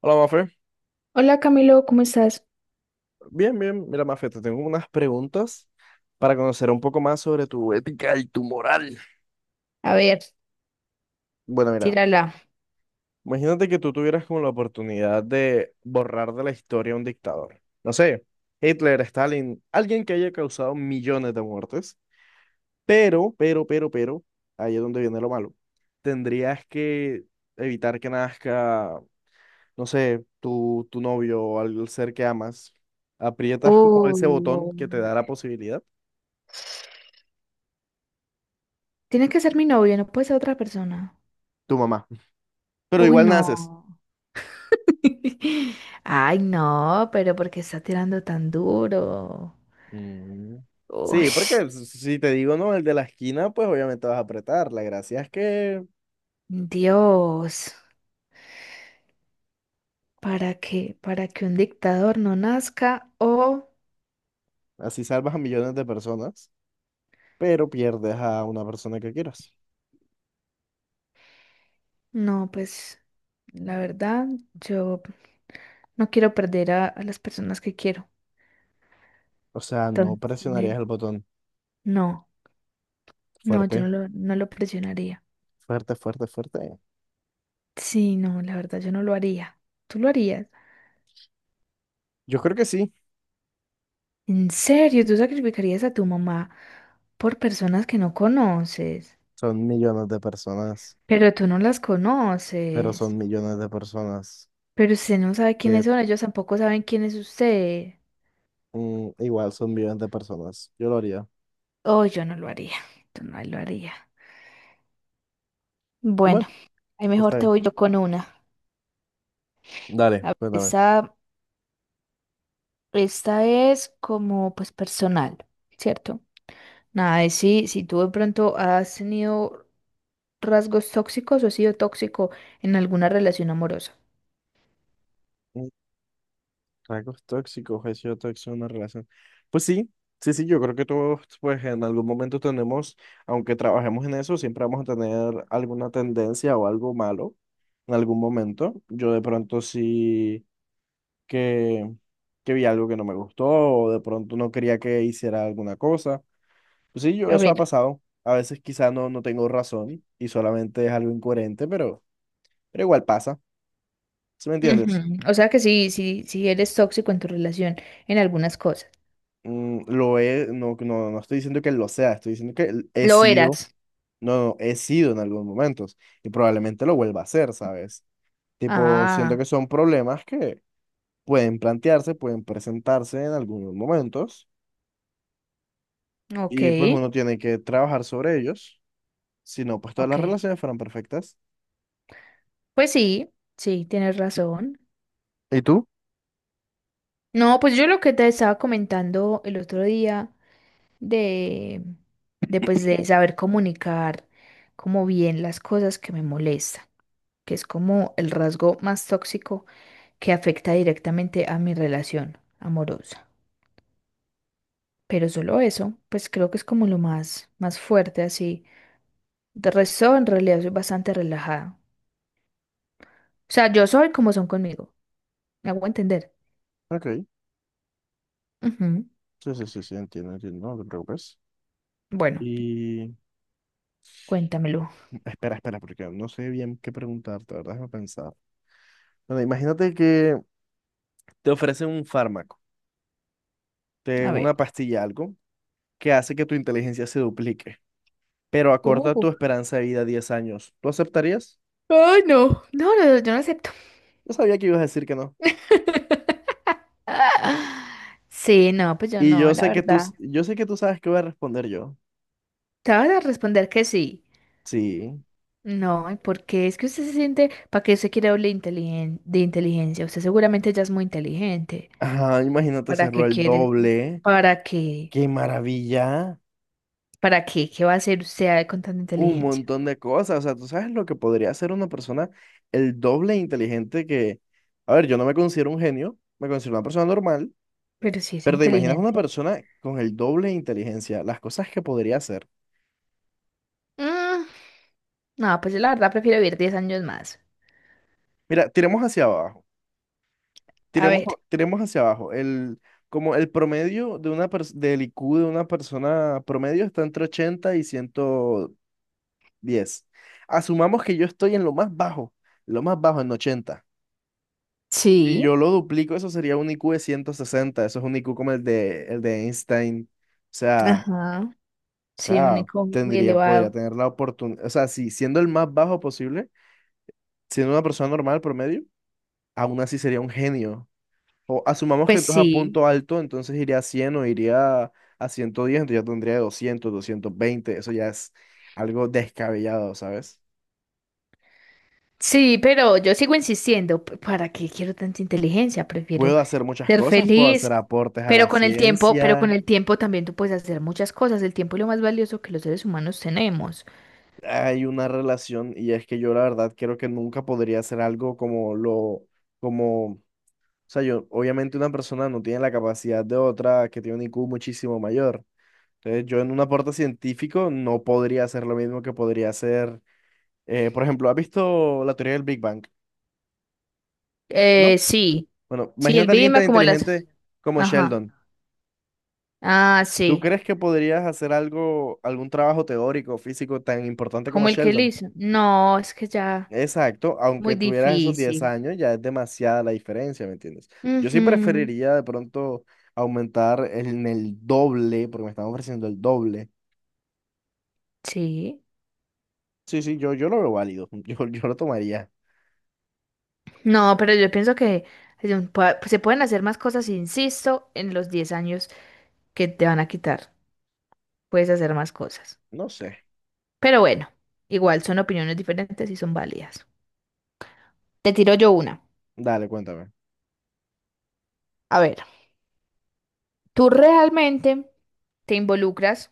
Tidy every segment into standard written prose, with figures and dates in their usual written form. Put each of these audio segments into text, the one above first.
Hola, Mafe. Hola Camilo, ¿cómo estás? Bien, bien. Mira, Mafe, te tengo unas preguntas para conocer un poco más sobre tu ética y tu moral. A ver, Bueno, mira, tírala. imagínate que tú tuvieras como la oportunidad de borrar de la historia a un dictador. No sé, Hitler, Stalin, alguien que haya causado millones de muertes. Pero, ahí es donde viene lo malo. Tendrías que evitar que nazca, no sé, tu novio o al ser que amas. Aprietas como Oh, ese botón que te da la posibilidad, tiene que ser mi novio, no puede ser otra persona. tu mamá, pero Uy, igual naces. no. Ay, no, pero ¿por qué está tirando tan duro? Mm, Uy, Sí, porque si te digo no, el de la esquina, pues obviamente vas a apretar. La gracia es que Dios, ¿para qué? ¿Para que un dictador no nazca? O así salvas a millones de personas, pero pierdes a una persona que quieras. no, pues la verdad, yo no quiero perder a las personas que quiero. O sea, no Entonces, presionarías el botón. no, no, yo no Fuerte, lo, no lo presionaría. fuerte, fuerte, fuerte. Sí, no, la verdad yo no lo haría. ¿Tú lo harías? Yo creo que sí. ¿En serio? ¿Tú sacrificarías a tu mamá por personas que no conoces? Son millones de personas, Pero tú no las pero son conoces. millones de personas Pero usted no sabe que quiénes son, ellos tampoco saben quién es usted. Igual son millones de personas. Yo lo haría. Oh, yo no lo haría. Yo no lo haría. Bueno, Bueno, ahí mejor está te bien. voy yo con una. Dale, A ver, cuéntame. esta es como pues personal, ¿cierto? Nada, es si tú de pronto has tenido rasgos tóxicos o ha sido tóxico en alguna relación amorosa. Rasgos tóxicos, he sido tóxico en una relación. Pues sí, sí, sí, yo creo que todos, pues en algún momento tenemos, aunque trabajemos en eso, siempre vamos a tener alguna tendencia o algo malo en algún momento. Yo de pronto sí que, que vi algo que no me gustó o de pronto no quería que hiciera alguna cosa. Pues sí, yo, A eso ha ver, pasado. A veces quizá no tengo razón y solamente es algo incoherente, pero igual pasa. ¿Sí me entiendes? ujú, o sea que sí, sí, sí eres tóxico en tu relación en algunas cosas. No, no, no estoy diciendo que lo sea, estoy diciendo que he Lo sido, eras. no, no, he sido en algunos momentos y probablemente lo vuelva a hacer, ¿sabes? Tipo, siento Ah, que son problemas que pueden plantearse, pueden presentarse en algunos momentos ok, y pues uno tiene que trabajar sobre ellos, si no, pues todas las ok. relaciones fueran perfectas. Pues sí, sí, tienes razón. ¿Y tú? No, pues yo lo que te estaba comentando el otro día de, de pues de saber comunicar como bien las cosas que me molestan, que es como el rasgo más tóxico que afecta directamente a mi relación amorosa. Pero solo eso, pues creo que es como lo más, más fuerte así. De resto, en realidad soy bastante relajada. O sea, yo soy como son conmigo. Me hago entender. Ok, Ujú. sí, sí, sí, sí, entiendo, entiendo, no te preocupes. Bueno, Y cuéntamelo. espera, espera, porque no sé bien qué preguntarte, ¿verdad? Déjame pensar. Bueno, imagínate que te ofrecen un fármaco, de A ver. una pastilla, algo, que hace que tu inteligencia se duplique, pero acorta Uh. tu esperanza de vida a 10 años. ¿Tú aceptarías? Ay, no. No, no, yo no acepto. Yo sabía que ibas a decir que no. Sí, no, pues yo Y no, yo la sé que tú, verdad. Yo sé que tú sabes qué voy a responder yo. Te vas a responder que sí. Sí. No, ¿y por qué? Es que usted se siente, ¿para qué usted quiere hablar de inteligencia? Usted seguramente ya es muy inteligente. Ajá, imagínate ¿Para hacerlo qué el quieres? doble. ¿Para qué? ¡Qué maravilla! ¿Para qué? ¿Qué va a hacer usted con tanta Un inteligencia? montón de cosas. O sea, tú sabes lo que podría hacer una persona el doble inteligente que... A ver, yo no me considero un genio, me considero una persona normal, Pero si es pero te imaginas una inteligente. persona con el doble de inteligencia, las cosas que podría hacer. Mm, no, pues yo la verdad prefiero vivir 10 años más. Mira, tiremos hacia abajo. A Tiremos, ver. tiremos hacia abajo. Como el promedio de una del IQ de una persona promedio está entre 80 y 110. Asumamos que yo estoy en lo más bajo en 80. Si yo Sí. lo duplico, eso sería un IQ de 160. Eso es un IQ como el de Einstein. O Ajá. Sí, un sea, IQ muy tendría, podría elevado. tener la oportunidad. O sea, si siendo el más bajo posible, siendo una persona normal promedio, aún así sería un genio. O asumamos que Pues tú es a sí. punto alto, entonces iría a 100 o iría a 110, entonces ya tendría 220. Eso ya es algo descabellado, ¿sabes? Sí, pero yo sigo insistiendo. ¿Para qué quiero tanta inteligencia? Prefiero Puedo hacer muchas ser cosas, puedo hacer feliz. aportes a Pero la con el tiempo, pero con ciencia, el tiempo también tú puedes hacer muchas cosas. El tiempo es lo más valioso que los seres humanos tenemos. hay una relación y es que yo la verdad creo que nunca podría hacer algo o sea, yo, obviamente una persona no tiene la capacidad de otra que tiene un IQ muchísimo mayor. Entonces yo en un aporte científico no podría hacer lo mismo que podría hacer. Por ejemplo, ¿has visto la teoría del Big Bang? ¿No? Sí. Bueno, Sí, el imagínate a alguien clima tan como las... inteligente como Ajá. Sheldon. Ah, ¿Tú sí. crees que podrías hacer algo, algún trabajo teórico, físico tan importante como Como el que él Sheldon? hizo. No, es que ya Exacto, muy aunque tuvieras esos 10 difícil. años, ya es demasiada la diferencia, ¿me entiendes? Yo sí Ujú, preferiría de pronto aumentar en el doble, porque me están ofreciendo el doble. sí. Sí, sí, yo lo veo válido, yo lo tomaría. No, pero yo pienso que se pueden hacer más cosas, insisto, en los 10 años que te van a quitar. Puedes hacer más cosas. No sé. Pero bueno, igual son opiniones diferentes y son válidas. Te tiro yo una. Dale, cuéntame. A ver, ¿tú realmente te involucras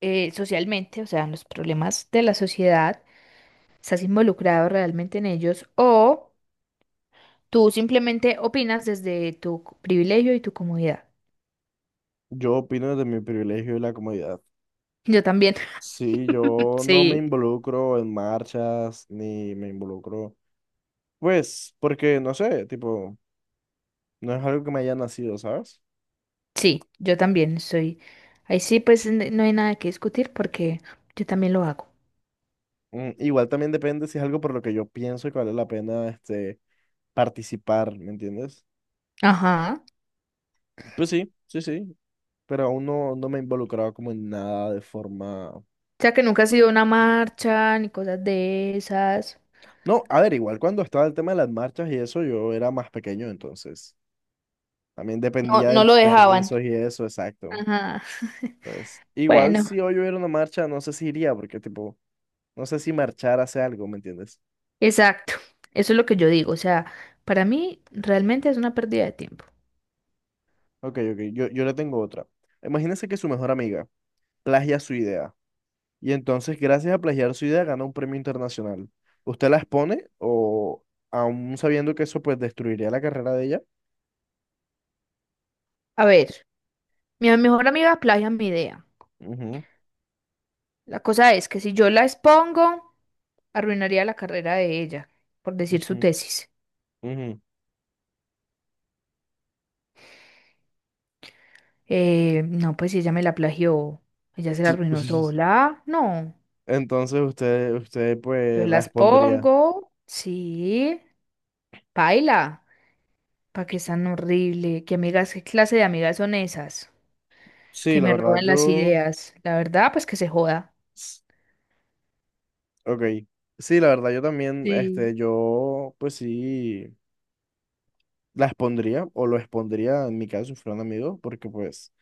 socialmente, o sea, en los problemas de la sociedad? ¿Estás involucrado realmente en ellos? O... Tú simplemente opinas desde tu privilegio y tu comodidad. Yo opino desde mi privilegio y la comodidad. Yo también. Sí, yo no me Sí. involucro en marchas ni me involucro, pues, porque no sé, tipo, no es algo que me haya nacido, ¿sabes? Sí, yo también soy. Ahí sí, pues no hay nada que discutir porque yo también lo hago. Igual también depende si es algo por lo que yo pienso y que vale la pena, este, participar, ¿me entiendes? Ajá. Pues sí, sí, sí, pero aún no me he involucrado como en nada de forma... O sea que nunca ha sido una marcha ni cosas de esas. No, a ver, igual cuando estaba el tema de las marchas y eso, yo era más pequeño, entonces, también No, dependía no del lo dejaban. permiso y eso, exacto. Ajá. Pues igual Bueno, si hoy hubiera una marcha, no sé si iría, porque tipo, no sé si marchar hace algo, ¿me entiendes? exacto. Eso es lo que yo digo. O sea, para mí realmente es una pérdida de tiempo. Ok, ok, yo le tengo otra. Imagínense que su mejor amiga plagia su idea y entonces gracias a plagiar su idea gana un premio internacional. ¿Usted la expone o aún sabiendo que eso pues destruiría la carrera de ella? A ver, mi mejor amiga plagia mi idea. Ujú, La cosa es que si yo la expongo, arruinaría la carrera de ella, por decir su ujú, tesis. ujú. No, pues si ella me la plagió, ella se la arruinó sola. No, Entonces usted yo pues la las expondría. pongo, sí, paila, pa' que es tan horrible, qué amigas, qué clase de amigas son esas, Sí, que la me verdad, roban las yo... ideas. La verdad, pues que se joda. Ok. Sí, la verdad, yo también, Sí. este, yo, pues sí, la expondría o lo expondría en mi caso si fuera un amigo, porque pues,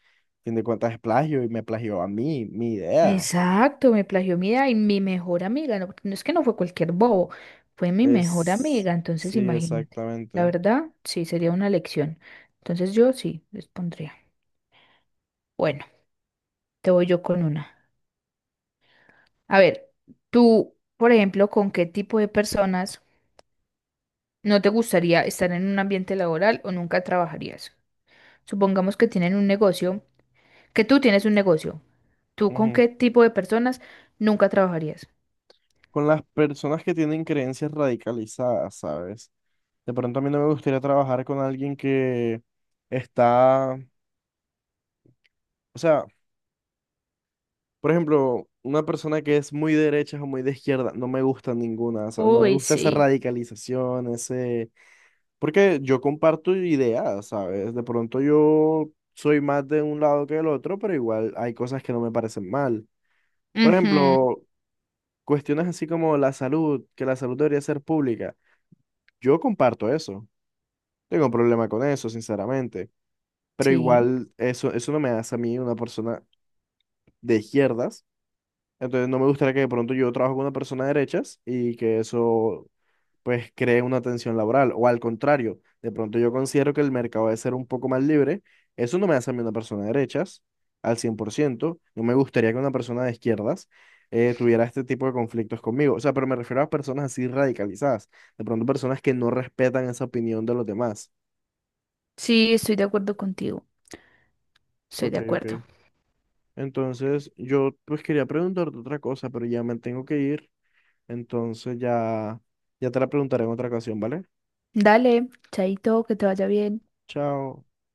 fin de cuentas es plagio y me plagió a mí, mi idea. Exacto, me plagió mi idea y mi mejor amiga, no, porque no es que no fue cualquier bobo, fue mi mejor Es, amiga, entonces sí, imagínate. La exactamente. verdad, sí, sería una lección. Entonces yo sí, les pondría. Bueno, te voy yo con una. A ver, tú, por ejemplo, ¿con qué tipo de personas no te gustaría estar en un ambiente laboral o nunca trabajarías? Supongamos que tienen un negocio, que tú tienes un negocio. ¿Tú con Ujú. qué tipo de personas nunca trabajarías? Con las personas que tienen creencias radicalizadas, ¿sabes? De pronto a mí no me gustaría trabajar con alguien que está, o sea, por ejemplo, una persona que es muy de derecha o muy de izquierda, no me gusta ninguna, ¿sabes? No me Uy, gusta esa sí. radicalización, ese... Porque yo comparto ideas, ¿sabes? De pronto yo soy más de un lado que del otro, pero igual hay cosas que no me parecen mal. Por Ujú, ejemplo, cuestiones así como la salud, que la salud debería ser pública. Yo comparto eso. Tengo un problema con eso, sinceramente. Pero sí. igual eso, no me hace a mí una persona de izquierdas. Entonces no me gustaría que de pronto yo trabajo con una persona de derechas y que eso pues cree una tensión laboral. O al contrario, de pronto yo considero que el mercado debe ser un poco más libre. Eso no me hace a mí una persona de derechas al 100%. No me gustaría que una persona de izquierdas tuviera este tipo de conflictos conmigo. O sea, pero me refiero a personas así radicalizadas. De pronto personas que no respetan esa opinión de los demás. Sí, estoy de acuerdo contigo. Estoy Ok, de ok. acuerdo. Entonces, yo pues quería preguntarte otra cosa, pero ya me tengo que ir. Entonces ya, ya te la preguntaré en otra ocasión, ¿vale? Dale, chaito, que te vaya bien. Chao.